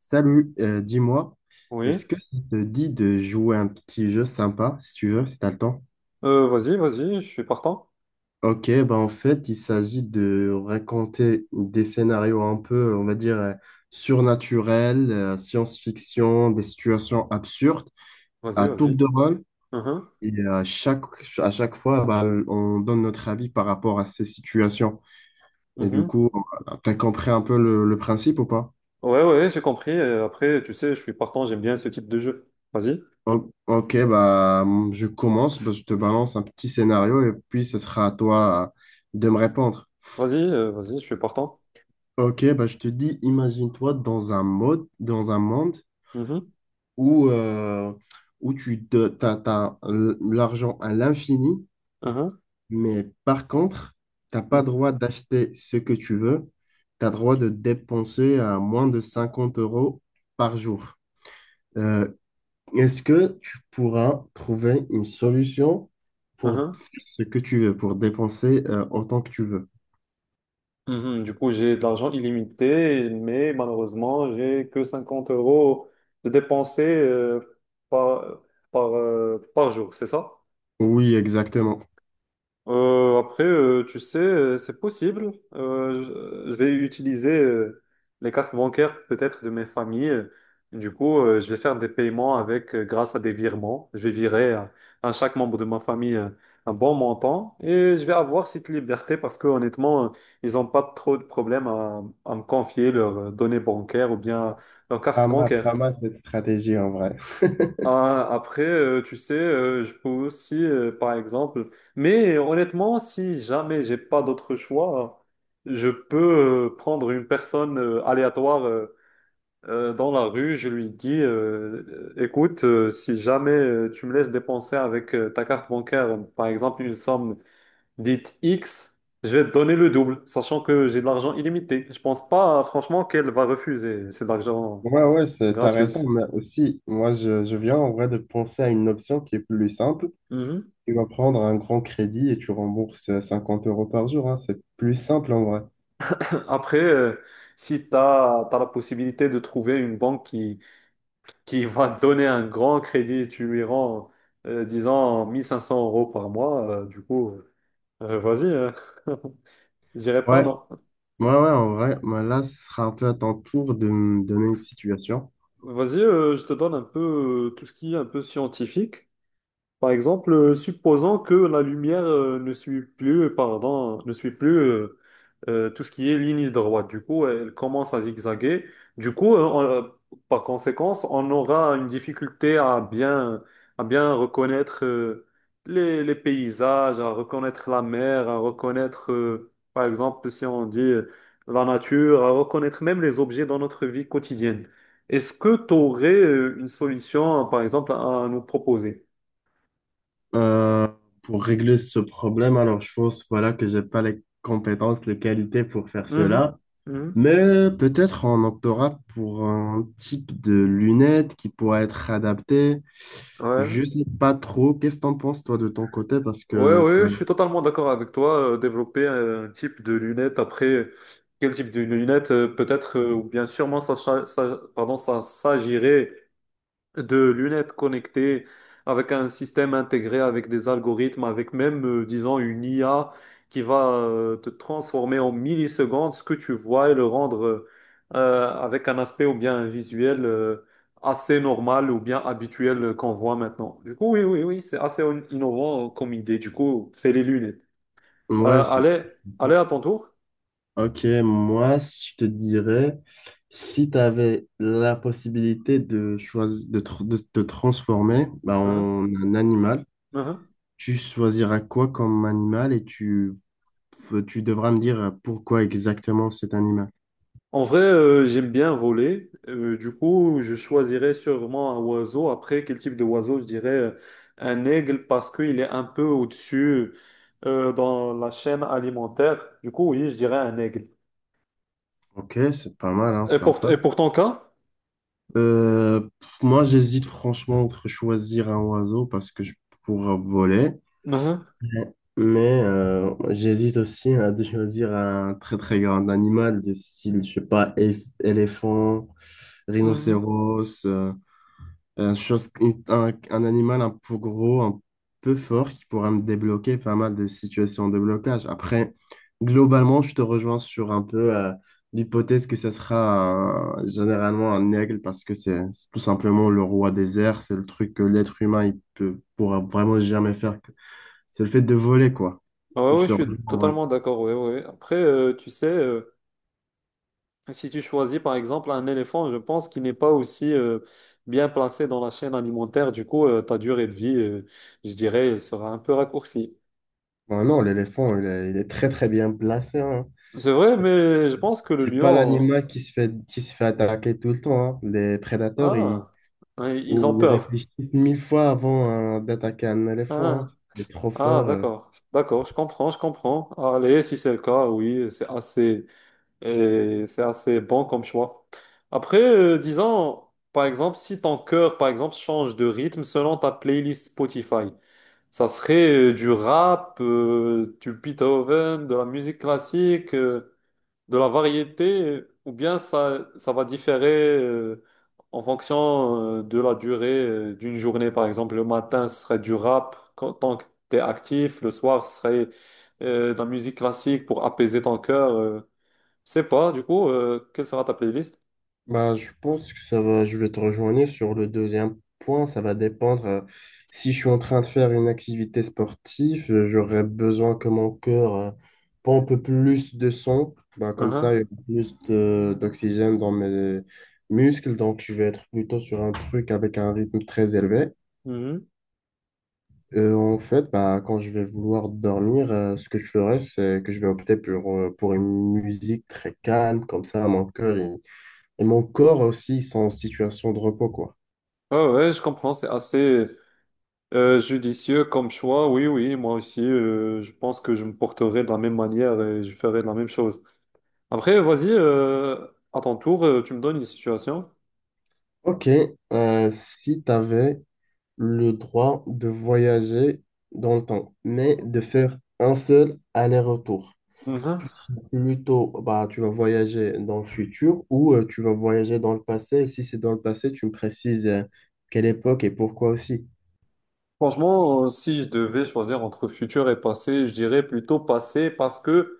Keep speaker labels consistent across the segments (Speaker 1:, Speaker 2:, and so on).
Speaker 1: Salut, dis-moi,
Speaker 2: Oui.
Speaker 1: est-ce que ça te dit de jouer un petit jeu sympa, si tu veux, si t'as le temps?
Speaker 2: Vas-y, vas-y, je suis partant.
Speaker 1: Ok, bah en fait, il s'agit de raconter des scénarios un peu, on va dire, surnaturels, science-fiction, des situations absurdes,
Speaker 2: Vas-y,
Speaker 1: à tour
Speaker 2: vas-y.
Speaker 1: de rôle.
Speaker 2: Mhm,
Speaker 1: Et à chaque, à chaque fois, bah, on donne notre avis par rapport à ces situations. Et du
Speaker 2: mhm.
Speaker 1: coup, voilà, t'as compris un peu le principe ou pas?
Speaker 2: Ouais, ouais, j'ai compris. Après, tu sais, je suis partant, j'aime bien ce type de jeu. Vas-y,
Speaker 1: Ok, bah, je commence, bah, je te balance un petit scénario et puis ce sera à toi de me répondre.
Speaker 2: vas-y, vas-y, je suis partant.
Speaker 1: Ok, bah, je te dis, imagine-toi dans un mode, dans un monde
Speaker 2: Mhm,
Speaker 1: où, euh, où t'as l'argent à l'infini,
Speaker 2: mhm,
Speaker 1: mais par contre, t'as
Speaker 2: mhm,
Speaker 1: pas droit d'acheter ce que tu veux, tu as droit de dépenser à moins de 50 € par jour. Euh, Est-ce que tu pourras trouver une solution pour faire
Speaker 2: mhm,
Speaker 1: ce que tu veux, pour dépenser autant que tu veux?
Speaker 2: mhm. Du coup, j'ai de l'argent illimité, mais malheureusement, j'ai que 50 euros de dépenser par, par, par jour, c'est ça?
Speaker 1: Oui, exactement.
Speaker 2: Tu sais, c'est possible. Je vais utiliser les cartes bancaires peut-être de mes familles. Du coup, je vais faire des paiements avec grâce à des virements. Je vais virer à chaque membre de ma famille un bon montant et je vais avoir cette liberté parce que honnêtement, ils n'ont pas trop de problèmes à me confier leurs données bancaires ou bien leurs cartes
Speaker 1: Pas mal,
Speaker 2: bancaires.
Speaker 1: pas mal cette stratégie en vrai.
Speaker 2: Ah, après, tu sais, je peux aussi, par exemple, mais honnêtement, si jamais j'ai pas d'autre choix, je peux prendre une personne aléatoire dans la rue, je lui dis, écoute, si jamais tu me laisses dépenser avec ta carte bancaire, par exemple, une somme dite X, je vais te donner le double, sachant que j'ai de l'argent illimité. Je pense pas, franchement, qu'elle va refuser, c'est de l'argent
Speaker 1: Ouais, ouais, t'as
Speaker 2: gratuit.
Speaker 1: raison, mais aussi, je viens en vrai de penser à une option qui est plus simple. Tu vas prendre un grand crédit et tu rembourses 50 € par jour, hein. C'est plus simple en vrai.
Speaker 2: Après, si tu as, la possibilité de trouver une banque qui va te donner un grand crédit et tu lui rends, disons, 1500 euros par mois, du coup, vas-y, je dirais pas
Speaker 1: Ouais,
Speaker 2: non.
Speaker 1: ouais, ouais, en vrai, bah là, ce sera un peu à ton tour de me donner une situation.
Speaker 2: Vas-y, je te donne un peu tout ce qui est un peu scientifique. Par exemple, supposons que la lumière ne suit plus, pardon, ne suit plus tout ce qui est ligne droite. Du coup, elle commence à zigzaguer. Du coup, par conséquence, on aura une difficulté à bien reconnaître les paysages, à reconnaître la mer, à reconnaître, par exemple, si on dit la nature, à reconnaître même les objets dans notre vie quotidienne. Est-ce que tu aurais une solution, par exemple, à nous proposer?
Speaker 1: Euh, pour régler ce problème, alors je pense voilà que j'ai pas les compétences, les qualités pour faire
Speaker 2: Mhm,
Speaker 1: cela,
Speaker 2: mhm.
Speaker 1: mais peut-être on optera pour un type de lunettes qui pourra être adapté. Je
Speaker 2: Ouais,
Speaker 1: sais pas trop. Qu'est-ce que t'en penses toi de ton côté? Parce
Speaker 2: ouais,
Speaker 1: que ça...
Speaker 2: ouais, je suis totalement d'accord avec toi. Développer un type de lunettes, après, quel type de lunettes, peut-être, ou bien sûrement, pardon, ça s'agirait de lunettes connectées avec un système intégré, avec des algorithmes, avec même, disons, une IA qui va te transformer en millisecondes ce que tu vois et le rendre avec un aspect ou bien un visuel assez normal ou bien habituel qu'on voit maintenant. Du coup, oui, oui, oui, c'est assez innovant comme idée. Du coup, c'est les lunettes.
Speaker 1: ouais,
Speaker 2: Euh,
Speaker 1: c'est...
Speaker 2: allez, allez à ton tour.
Speaker 1: ok. Moi, je te dirais si tu avais la possibilité de choisir de te transformer bah,
Speaker 2: Hein,
Speaker 1: en un animal.
Speaker 2: hein.
Speaker 1: Tu choisiras quoi comme animal et tu devras me dire pourquoi exactement cet animal.
Speaker 2: En vrai, j'aime bien voler. Du coup, je choisirais sûrement un oiseau. Après, quel type de oiseau? Je dirais un aigle parce qu'il est un peu au-dessus dans la chaîne alimentaire. Du coup, oui, je dirais un aigle.
Speaker 1: Ok, c'est pas mal, hein, sympa.
Speaker 2: Et pour ton cas?
Speaker 1: Pff, moi, j'hésite franchement entre choisir un oiseau parce que je pourrais voler.
Speaker 2: Mhm,
Speaker 1: Ouais. Mais j'hésite aussi à de choisir un très très grand animal du style, je sais pas, éléphant,
Speaker 2: mhm.
Speaker 1: rhinocéros, un animal un peu gros, un peu fort, qui pourra me débloquer pas mal de situations de blocage. Après, globalement, je te rejoins sur un peu l'hypothèse que ce sera généralement un aigle parce que c'est tout simplement le roi des airs. C'est le truc que l'être humain pourra vraiment jamais faire. C'est le fait de voler, quoi.
Speaker 2: Ah, ouais,
Speaker 1: Je
Speaker 2: ouais,
Speaker 1: te
Speaker 2: je suis
Speaker 1: rejoins en vrai.
Speaker 2: totalement d'accord. Ouais, ouais. Après, tu sais, si tu choisis par exemple un éléphant, je pense qu'il n'est pas aussi bien placé dans la chaîne alimentaire. Du coup, ta durée de vie, je dirais, elle sera un peu raccourcie.
Speaker 1: Bon, non, l'éléphant, il est très très bien placé, hein.
Speaker 2: C'est vrai,
Speaker 1: C'est
Speaker 2: mais je pense que le
Speaker 1: c'est pas
Speaker 2: lion.
Speaker 1: l'animal qui se fait attaquer tout le temps, hein. Les prédateurs, ils
Speaker 2: Ah, hein,
Speaker 1: et
Speaker 2: ils ont
Speaker 1: ils
Speaker 2: peur.
Speaker 1: réfléchissent 1000 fois avant d'attaquer un éléphant.
Speaker 2: Ah,
Speaker 1: Il est trop
Speaker 2: ah,
Speaker 1: fort,
Speaker 2: d'accord. D'accord, je comprends, je comprends. Allez, si c'est le cas, oui, c'est assez, et c'est assez bon comme choix. Après, disons, par exemple, si ton cœur, par exemple, change de rythme selon ta playlist Spotify, ça serait du rap, du Beethoven, de la musique classique, de la variété ou bien ça, ça va différer euh, en fonction de la durée d'une journée. Par exemple, le matin, ce serait du rap quand, tant que tu es actif. Le soir, ce serait de la musique classique pour apaiser ton cœur. Je sais pas, du coup, quelle sera ta playlist?
Speaker 1: Bah, je pense que ça va, je vais te rejoindre sur le deuxième point. Ça va dépendre, si je suis en train de faire une activité sportive, j'aurai besoin que mon cœur pompe plus de sang. Bah, comme
Speaker 2: Mhm,
Speaker 1: ça, il y a d'oxygène dans mes muscles. Donc, je vais être plutôt sur un truc avec un rythme très élevé.
Speaker 2: mhm.
Speaker 1: En fait, bah, quand je vais vouloir dormir, ce que je ferai, c'est que je vais opter pour une musique très calme, comme ça, et mon corps aussi ils sont en situation de repos, quoi.
Speaker 2: Ouais, ouais, je comprends, c'est assez judicieux comme choix. Oui, oui, moi aussi, je pense que je me porterai de la même manière et je ferai de la même chose. Après, vas-y, à ton tour, tu me donnes une situation.
Speaker 1: Ok, si tu avais le droit de voyager dans le temps, mais de faire un seul aller-retour,
Speaker 2: Mhm.
Speaker 1: tu serais plutôt, bah, tu vas voyager dans le futur ou tu vas voyager dans le passé, et si c'est dans le passé, tu me précises quelle époque et pourquoi aussi.
Speaker 2: Franchement, si je devais choisir entre futur et passé, je dirais plutôt passé parce que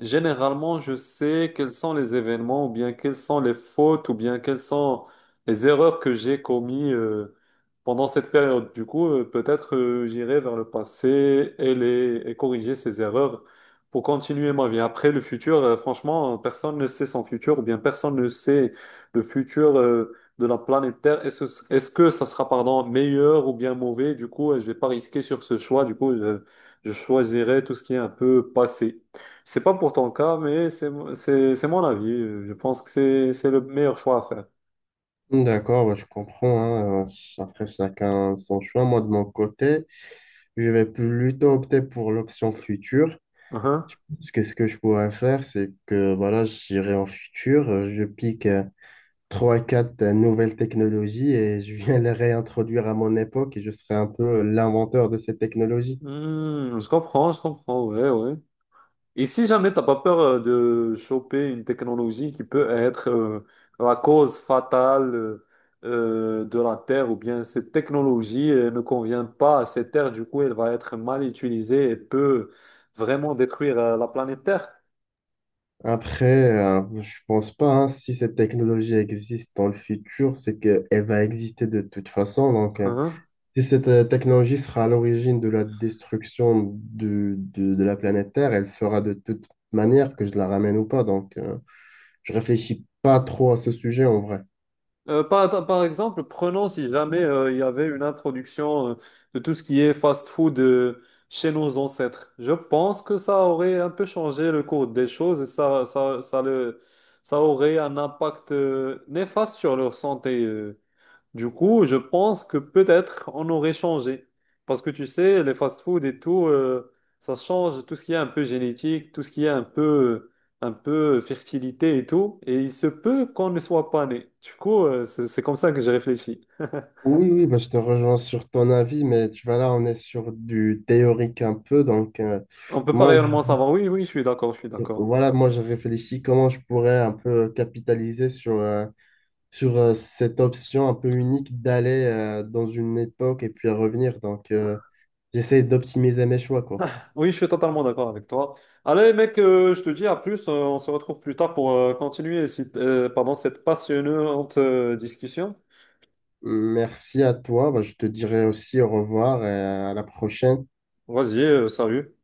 Speaker 2: généralement, je sais quels sont les événements ou bien quelles sont les fautes ou bien quelles sont les erreurs que j'ai commises pendant cette période. Du coup, peut-être j'irai vers le passé et, les, et corriger ces erreurs pour continuer ma vie. Après, le futur, franchement, personne ne sait son futur ou bien personne ne sait le futur de la planète Terre. Est-ce, est-ce que ça sera, pardon, meilleur ou bien mauvais? Du coup, je vais pas risquer sur ce choix. Du coup, je choisirai tout ce qui est un peu passé. C'est pas pour ton cas, mais c'est mon avis. Je pense que c'est le meilleur choix à faire.
Speaker 1: D'accord, ouais, je comprends, hein. Après, chacun son choix. Moi, de mon côté, je vais plutôt opter pour l'option future.
Speaker 2: Uhum.
Speaker 1: Parce que ce que je pourrais faire, c'est que voilà, j'irai en futur, je pique trois, quatre nouvelles technologies et je viens les réintroduire à mon époque et je serai un peu l'inventeur de ces technologies.
Speaker 2: Hmm, je comprends, ouais, ouais. Et si jamais t'as pas peur de choper une technologie qui peut être la cause fatale de la Terre, ou bien cette technologie ne convient pas à cette Terre, du coup elle va être mal utilisée et peut vraiment détruire la planète Terre.
Speaker 1: Après, je pense pas, hein, si cette technologie existe dans le futur, c'est qu'elle va exister de toute façon. Donc,
Speaker 2: Uh-huh.
Speaker 1: si cette technologie sera à l'origine de la destruction de la planète Terre, elle fera de toute manière que je la ramène ou pas. Donc, je réfléchis pas trop à ce sujet en vrai.
Speaker 2: Par exemple, prenons si jamais il y avait une introduction de tout ce qui est fast-food chez nos ancêtres. Je pense que ça aurait un peu changé le cours des choses et ça aurait un impact néfaste sur leur santé. Du coup, je pense que peut-être on aurait changé. Parce que tu sais, les fast-food et tout, ça change tout ce qui est un peu génétique, tout ce qui est un peu fertilité et tout. Et il se peut qu'on ne soit pas né. Du coup, c'est comme ça que j'ai réfléchi.
Speaker 1: Oui, oui, bah, je te rejoins sur ton avis, mais tu vois, là, on est sur du théorique un peu. Donc,
Speaker 2: On peut pas
Speaker 1: moi,
Speaker 2: réellement savoir. Oui, oui, je suis d'accord, je suis d'accord.
Speaker 1: moi, je réfléchis comment je pourrais un peu capitaliser sur, sur cette option un peu unique d'aller dans une époque et puis à revenir. Donc, j'essaie d'optimiser mes choix, quoi.
Speaker 2: Oui, je suis totalement d'accord avec toi. Allez, mec, je te dis à plus, on se retrouve plus tard pour continuer, pardon, cette passionnante discussion.
Speaker 1: Merci à toi. Bah, je te dirai aussi au revoir et à la prochaine.
Speaker 2: Vas-y, salut.